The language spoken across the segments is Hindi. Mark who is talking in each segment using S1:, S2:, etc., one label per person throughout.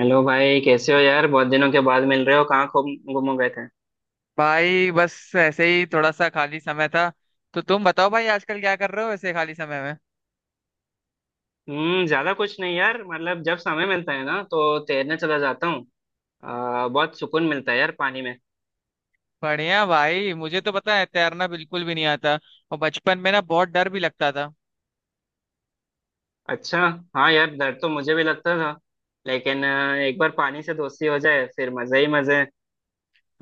S1: हेलो भाई, कैसे हो यार? बहुत दिनों के बाद मिल रहे हो, कहाँ खो गुम हो गए थे?
S2: भाई बस ऐसे ही थोड़ा सा खाली समय था। तो तुम बताओ भाई आजकल क्या कर रहे हो ऐसे खाली समय में।
S1: हम्म, ज्यादा कुछ नहीं यार। मतलब जब समय मिलता है ना तो तैरने चला जाता हूँ। बहुत सुकून मिलता है यार पानी में।
S2: बढ़िया भाई, मुझे तो पता है तैरना बिल्कुल भी नहीं आता, और बचपन में ना बहुत डर भी लगता था।
S1: अच्छा। हाँ यार, डर तो मुझे भी लगता था, लेकिन एक बार पानी से दोस्ती हो जाए फिर मजे ही मजे हैं।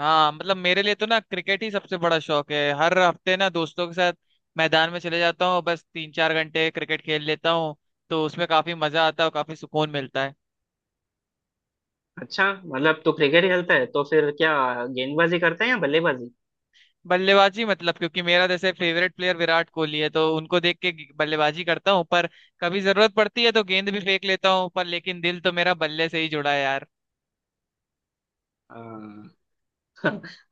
S2: हाँ मतलब मेरे लिए तो ना क्रिकेट ही सबसे बड़ा शौक है, हर हफ्ते ना दोस्तों के साथ मैदान में चले जाता हूँ, बस 3 4 घंटे क्रिकेट खेल लेता हूँ। तो उसमें काफी मजा आता है और काफी सुकून मिलता है।
S1: अच्छा, मतलब तू क्रिकेट खेलता है? तो फिर क्या गेंदबाजी करता है या बल्लेबाजी?
S2: बल्लेबाजी, मतलब क्योंकि मेरा जैसे फेवरेट प्लेयर विराट कोहली है तो उनको देख के बल्लेबाजी करता हूँ, पर कभी जरूरत पड़ती है तो गेंद भी फेंक लेता हूँ, पर लेकिन दिल तो मेरा बल्ले से ही जुड़ा है यार।
S1: हाँ।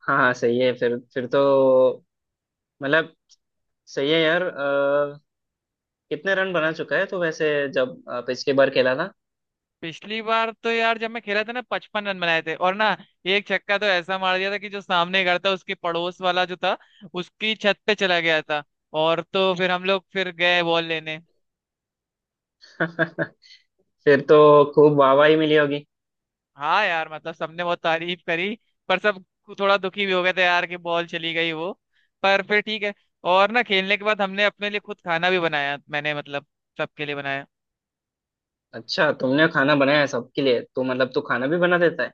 S1: हाँ सही है। फिर तो मतलब सही है यार। कितने रन बना चुका है तो वैसे जब पिछली बार खेला था?
S2: पिछली बार तो यार जब मैं खेला था ना 55 रन बनाए थे, और ना एक छक्का तो ऐसा मार दिया था कि जो सामने घर था उसके पड़ोस वाला जो था उसकी छत पे चला गया था। और तो फिर हम लोग फिर गए बॉल लेने।
S1: फिर तो खूब वाहवाही मिली होगी।
S2: हाँ यार मतलब सबने बहुत तारीफ करी, पर सब थोड़ा दुखी भी हो गए थे यार कि बॉल चली गई वो, पर फिर ठीक है। और ना खेलने के बाद हमने अपने लिए खुद खाना भी बनाया, मैंने मतलब सबके लिए बनाया।
S1: अच्छा, तुमने खाना बनाया है सबके लिए? तो मतलब तू खाना भी बना देता है।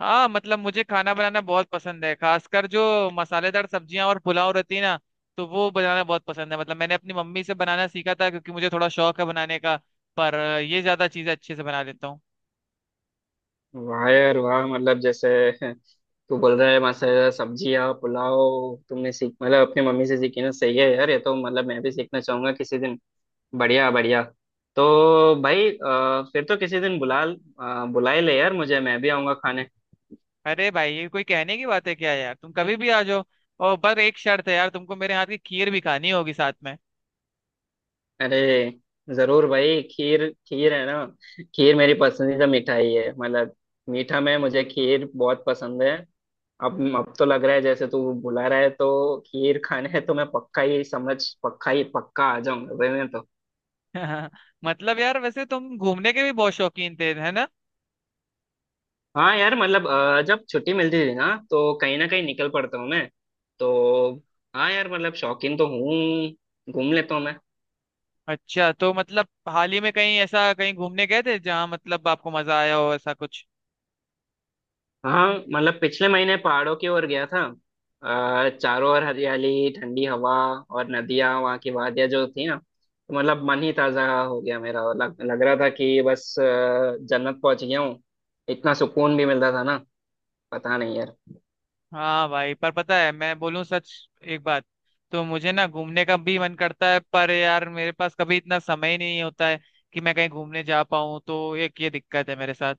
S2: हाँ मतलब मुझे खाना बनाना बहुत पसंद है, खासकर जो मसालेदार सब्जियां और पुलाव रहती है ना, तो वो बनाना बहुत पसंद है। मतलब मैंने अपनी मम्मी से बनाना सीखा था, क्योंकि मुझे थोड़ा शौक है बनाने का, पर ये ज्यादा चीजें अच्छे से बना लेता हूँ।
S1: वाह यार वाह! मतलब जैसे तू बोल रहा है मसाला सब्जियाँ पुलाव, तुमने सीख मतलब अपनी मम्मी से सीखी ना। सही है यार, ये तो मतलब मैं भी सीखना चाहूंगा किसी दिन। बढ़िया बढ़िया। तो भाई फिर तो किसी दिन बुला बुला ही ले यार मुझे, मैं भी आऊंगा खाने।
S2: अरे भाई, ये कोई कहने की बात है क्या यार? तुम कभी भी आ जाओ। और पर एक शर्त है यार, तुमको मेरे हाथ की खीर भी खानी होगी साथ में।
S1: अरे जरूर भाई, खीर! खीर है ना, खीर मेरी पसंदीदा मिठाई है। मतलब मीठा में मुझे खीर बहुत पसंद है। अब तो लग रहा है जैसे तू बुला रहा है तो खीर खाने है, तो मैं पक्का ही समझ, पक्का ही पक्का आ जाऊंगा भाई मैं तो।
S2: मतलब यार वैसे तुम घूमने के भी बहुत शौकीन थे है ना?
S1: हाँ यार, मतलब जब छुट्टी मिलती थी ना तो कहीं ना कहीं निकल पड़ता हूँ मैं। तो हाँ यार, मतलब शौकीन तो हूँ, घूम लेता हूँ मैं।
S2: अच्छा, तो मतलब हाल ही में कहीं ऐसा कहीं घूमने गए थे जहाँ मतलब आपको मजा आया हो, ऐसा कुछ?
S1: हाँ मतलब पिछले महीने पहाड़ों की ओर गया था। चारों ओर हरियाली, ठंडी हवा, और नदियां, वहाँ की वादियां जो थी ना, तो मतलब मन ही ताजा हो गया मेरा। लग रहा था कि बस जन्नत पहुंच गया हूँ। इतना सुकून भी मिलता था ना, पता नहीं यार।
S2: हाँ भाई, पर पता है, मैं बोलूं सच एक बात, तो मुझे ना घूमने का भी मन करता है, पर यार मेरे पास कभी इतना समय ही नहीं होता है कि मैं कहीं घूमने जा पाऊँ, तो एक ये दिक्कत है मेरे साथ।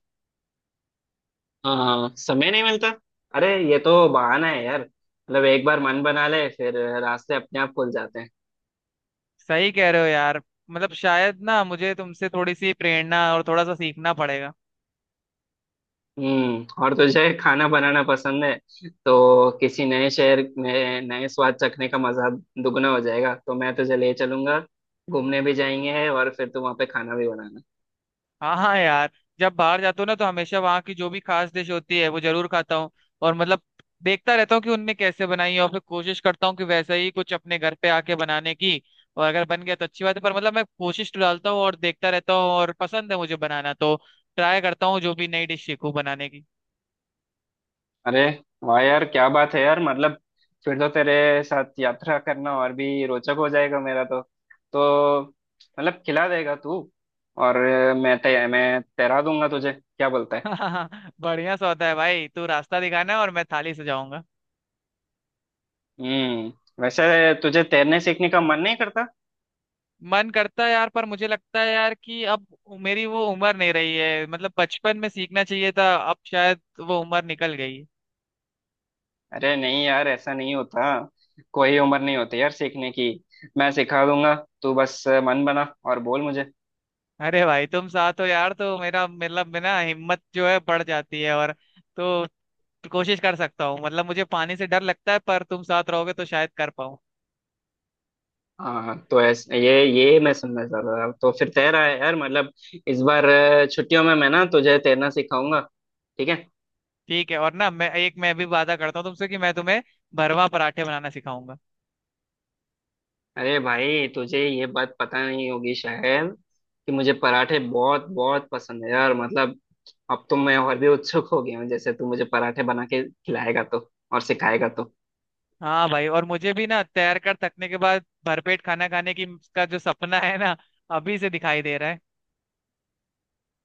S1: हाँ, समय नहीं मिलता। अरे ये तो बहाना है यार। मतलब एक बार मन बना ले, फिर रास्ते अपने आप खुल जाते हैं।
S2: सही कह रहे हो यार। मतलब शायद ना मुझे तुमसे थोड़ी सी प्रेरणा और थोड़ा सा सीखना पड़ेगा।
S1: हम्म, और तुझे खाना बनाना पसंद है तो किसी नए शहर में नए स्वाद चखने का मजा दुगना हो जाएगा। तो मैं तुझे ले चलूंगा, घूमने भी जाएंगे और फिर तू वहाँ पे खाना भी बनाना।
S2: हाँ हाँ यार, जब बाहर जाता हूँ ना तो हमेशा वहाँ की जो भी खास डिश होती है वो जरूर खाता हूँ। और मतलब देखता रहता हूँ कि उनने कैसे बनाई है और फिर कोशिश करता हूँ कि वैसा ही कुछ अपने घर पे आके बनाने की। और अगर बन गया तो अच्छी बात है, पर मतलब मैं कोशिश तो डालता हूँ और देखता रहता हूँ, और पसंद है मुझे बनाना, तो ट्राई करता हूँ जो भी नई डिश सीखूं बनाने की।
S1: अरे वाह यार, क्या बात है यार! मतलब फिर तो तेरे साथ यात्रा करना और भी रोचक हो जाएगा मेरा तो। तो मतलब खिला देगा तू, और मैं तैरा दूंगा तुझे। क्या बोलता है?
S2: बढ़िया सौदा है भाई, तू रास्ता दिखाना और मैं थाली सजाऊंगा।
S1: हम्म। वैसे तुझे तैरने सीखने का मन नहीं करता?
S2: मन करता है यार, पर मुझे लगता है यार कि अब मेरी वो उम्र नहीं रही है, मतलब बचपन में सीखना चाहिए था, अब शायद वो उम्र निकल गई।
S1: अरे नहीं यार, ऐसा नहीं होता। कोई उम्र नहीं होती यार सीखने की। मैं सिखा दूंगा, तू बस मन बना और बोल मुझे।
S2: अरे भाई तुम साथ हो यार तो मेरा मतलब मेरा ना हिम्मत जो है बढ़ जाती है, और तो कोशिश कर सकता हूँ। मतलब मुझे पानी से डर लगता है, पर तुम साथ रहोगे तो शायद कर पाऊँ।
S1: हाँ तो ऐसे ये मैं सुनना चाह रहा था। तो फिर तैरा है यार, मतलब इस बार छुट्टियों में मैं ना तुझे तैरना सिखाऊंगा, ठीक है?
S2: ठीक है, और ना मैं भी वादा करता हूँ तुमसे कि मैं तुम्हें भरवा पराठे बनाना सिखाऊंगा।
S1: अरे भाई, तुझे ये बात पता नहीं होगी शायद, कि मुझे पराठे बहुत बहुत पसंद है यार। मतलब अब तो मैं और भी उत्सुक हो गया हूँ, जैसे तू मुझे पराठे बना के खिलाएगा तो और सिखाएगा तो।
S2: हाँ भाई, और मुझे भी ना तैर कर थकने के बाद भरपेट खाना खाने की, का जो सपना है ना, अभी से दिखाई दे रहा है।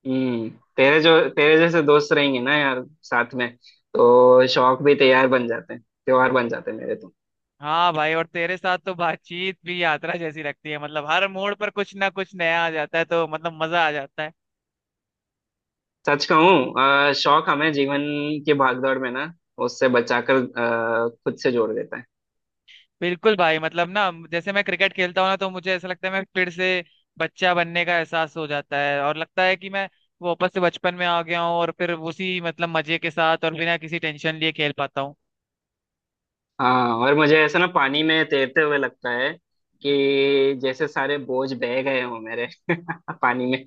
S1: हम्म, तेरे जैसे दोस्त रहेंगे ना यार साथ में, तो शौक भी तैयार बन जाते हैं, त्योहार बन जाते हैं मेरे तो।
S2: हाँ भाई, और तेरे साथ तो बातचीत भी यात्रा जैसी लगती है, मतलब हर मोड़ पर कुछ ना कुछ नया आ जाता है, तो मतलब मजा आ जाता है।
S1: सच कहूँ, शौक हमें जीवन की भागदौड़ में ना उससे बचाकर खुद से जोड़ देता है।
S2: बिल्कुल भाई, मतलब ना जैसे मैं क्रिकेट खेलता हूँ ना तो मुझे ऐसा लगता है मैं फिर से बच्चा बनने का एहसास हो जाता है, और लगता है कि मैं वापस से बचपन में आ गया हूँ, और फिर उसी मतलब मजे के साथ और बिना किसी टेंशन लिए खेल पाता हूँ।
S1: हाँ, और मुझे ऐसा ना पानी में तैरते हुए लगता है कि जैसे सारे बोझ बह गए हों मेरे पानी में।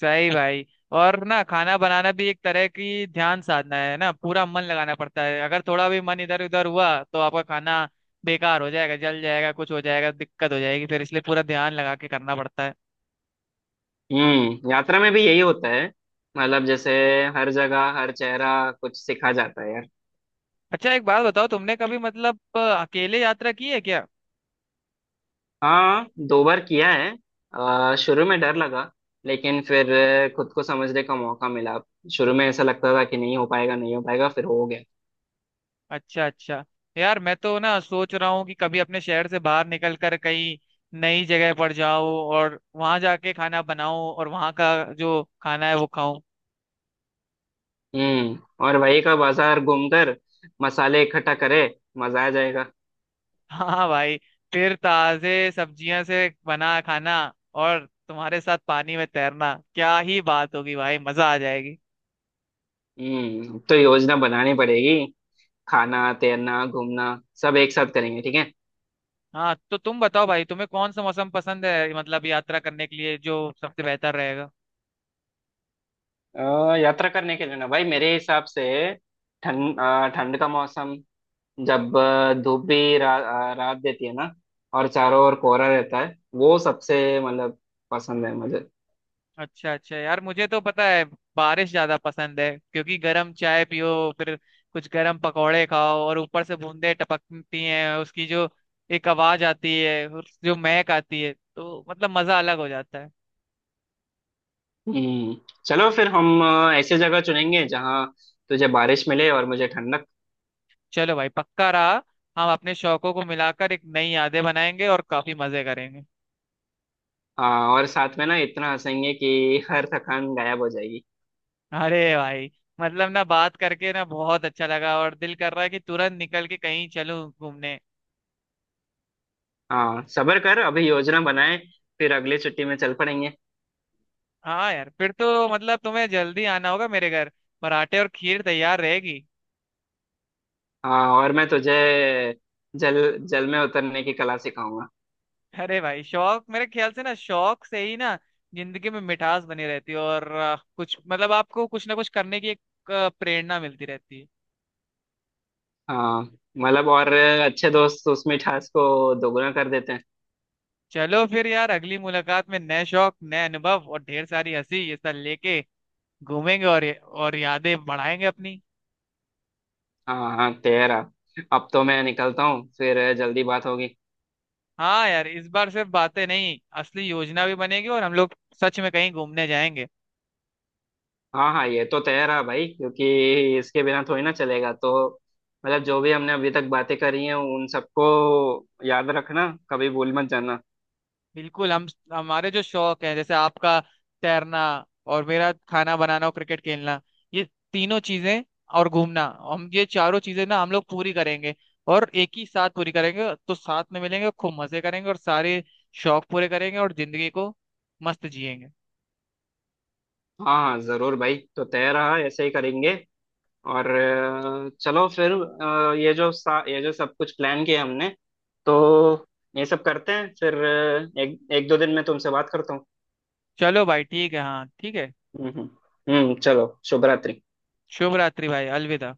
S2: सही भाई। और ना खाना बनाना भी एक तरह की ध्यान साधना है ना, पूरा मन लगाना पड़ता है, अगर थोड़ा भी मन इधर उधर हुआ तो आपका खाना बेकार हो जाएगा, जल जाएगा, कुछ हो जाएगा, दिक्कत हो जाएगी फिर, इसलिए पूरा ध्यान लगा के करना पड़ता है।
S1: हम्म, यात्रा में भी यही होता है। मतलब जैसे हर जगह हर चेहरा कुछ सिखा जाता है।
S2: अच्छा एक बात बताओ, तुमने कभी मतलब अकेले यात्रा की है क्या?
S1: हाँ, दो बार किया है। शुरू में डर लगा, लेकिन फिर खुद को समझने का मौका मिला। शुरू में ऐसा लगता था कि नहीं हो पाएगा, नहीं हो पाएगा, फिर हो गया।
S2: अच्छा अच्छा यार, मैं तो ना सोच रहा हूँ कि कभी अपने शहर से बाहर निकल कर कहीं नई जगह पर जाऊं, और वहां जाके खाना बनाऊं और वहां का जो खाना है वो खाऊं।
S1: हम्म, और वही का बाजार घूमकर मसाले इकट्ठा करे, मजा आ जाएगा।
S2: हाँ भाई, फिर ताजे सब्जियों से बना खाना और तुम्हारे साथ पानी में तैरना, क्या ही बात होगी भाई, मजा आ जाएगी।
S1: हम्म, तो योजना बनानी पड़ेगी। खाना, तैरना, घूमना, सब एक साथ करेंगे, ठीक है?
S2: हाँ तो तुम बताओ भाई, तुम्हें कौन सा मौसम पसंद है, मतलब यात्रा करने के लिए जो सबसे बेहतर रहेगा?
S1: यात्रा करने के लिए ना भाई, मेरे हिसाब से ठंड, ठंड का मौसम, जब धूप भी रात देती है ना, और चारों ओर कोहरा रहता है, वो सबसे मतलब पसंद है मुझे।
S2: अच्छा अच्छा यार, मुझे तो पता है बारिश ज्यादा पसंद है, क्योंकि गर्म चाय पियो, फिर कुछ गर्म पकौड़े खाओ, और ऊपर से बूंदे टपकती हैं उसकी जो एक आवाज आती है, जो महक आती है, तो मतलब मजा अलग हो जाता है।
S1: हम्म, चलो फिर हम ऐसी जगह चुनेंगे जहाँ तुझे बारिश मिले और मुझे ठंडक।
S2: चलो भाई, पक्का रहा, हम अपने शौकों को मिलाकर एक नई यादें बनाएंगे और काफी मजे करेंगे।
S1: हाँ, और साथ में ना इतना हंसेंगे कि हर थकान गायब हो जाएगी।
S2: अरे भाई, मतलब ना बात करके ना बहुत अच्छा लगा, और दिल कर रहा है कि तुरंत निकल के कहीं चलूं घूमने।
S1: हाँ, सब्र कर, अभी योजना बनाए, फिर अगली छुट्टी में चल पड़ेंगे।
S2: हाँ यार, फिर तो मतलब तुम्हें जल्दी आना होगा मेरे घर, पराठे और खीर तैयार रहेगी।
S1: हाँ, और मैं तुझे जल जल में उतरने की कला सिखाऊंगा।
S2: अरे भाई, शौक मेरे ख्याल से ना, शौक से ही ना जिंदगी में मिठास बनी रहती है, और कुछ मतलब आपको कुछ ना कुछ करने की एक प्रेरणा मिलती रहती है।
S1: हाँ मतलब, और अच्छे दोस्त उस मिठास को दोगुना कर देते हैं।
S2: चलो फिर यार, अगली मुलाकात में नए शौक, नए अनुभव और ढेर सारी हंसी, ये सब लेके घूमेंगे, और यादें बढ़ाएंगे अपनी।
S1: हाँ हाँ तेरा, अब तो मैं निकलता हूँ, फिर जल्दी बात होगी।
S2: हाँ यार, इस बार सिर्फ बातें नहीं, असली योजना भी बनेगी और हम लोग सच में कहीं घूमने जाएंगे।
S1: हाँ हाँ, ये तो तेरा भाई, क्योंकि इसके बिना थोड़ी ना चलेगा। तो मतलब जो भी हमने अभी तक बातें करी हैं, उन सबको याद रखना, कभी भूल मत जाना।
S2: बिल्कुल। हम हमारे जो शौक है, जैसे आपका तैरना, और मेरा खाना बनाना और क्रिकेट खेलना, ये तीनों चीजें और घूमना, हम ये चारों चीजें ना हम लोग पूरी करेंगे, और एक ही साथ पूरी करेंगे, तो साथ में मिलेंगे, खूब मजे करेंगे और सारे शौक पूरे करेंगे, और जिंदगी को मस्त जिएंगे।
S1: हाँ हाँ जरूर भाई, तो तेरा ऐसे ही करेंगे। और चलो फिर, ये जो ये जो सब कुछ प्लान किया हमने, तो ये सब करते हैं। फिर एक एक दो दिन में तुमसे बात करता हूँ।
S2: चलो भाई ठीक है, हाँ ठीक है।
S1: हम्म। चलो, शुभ रात्रि।
S2: शुभ रात्रि भाई, अलविदा।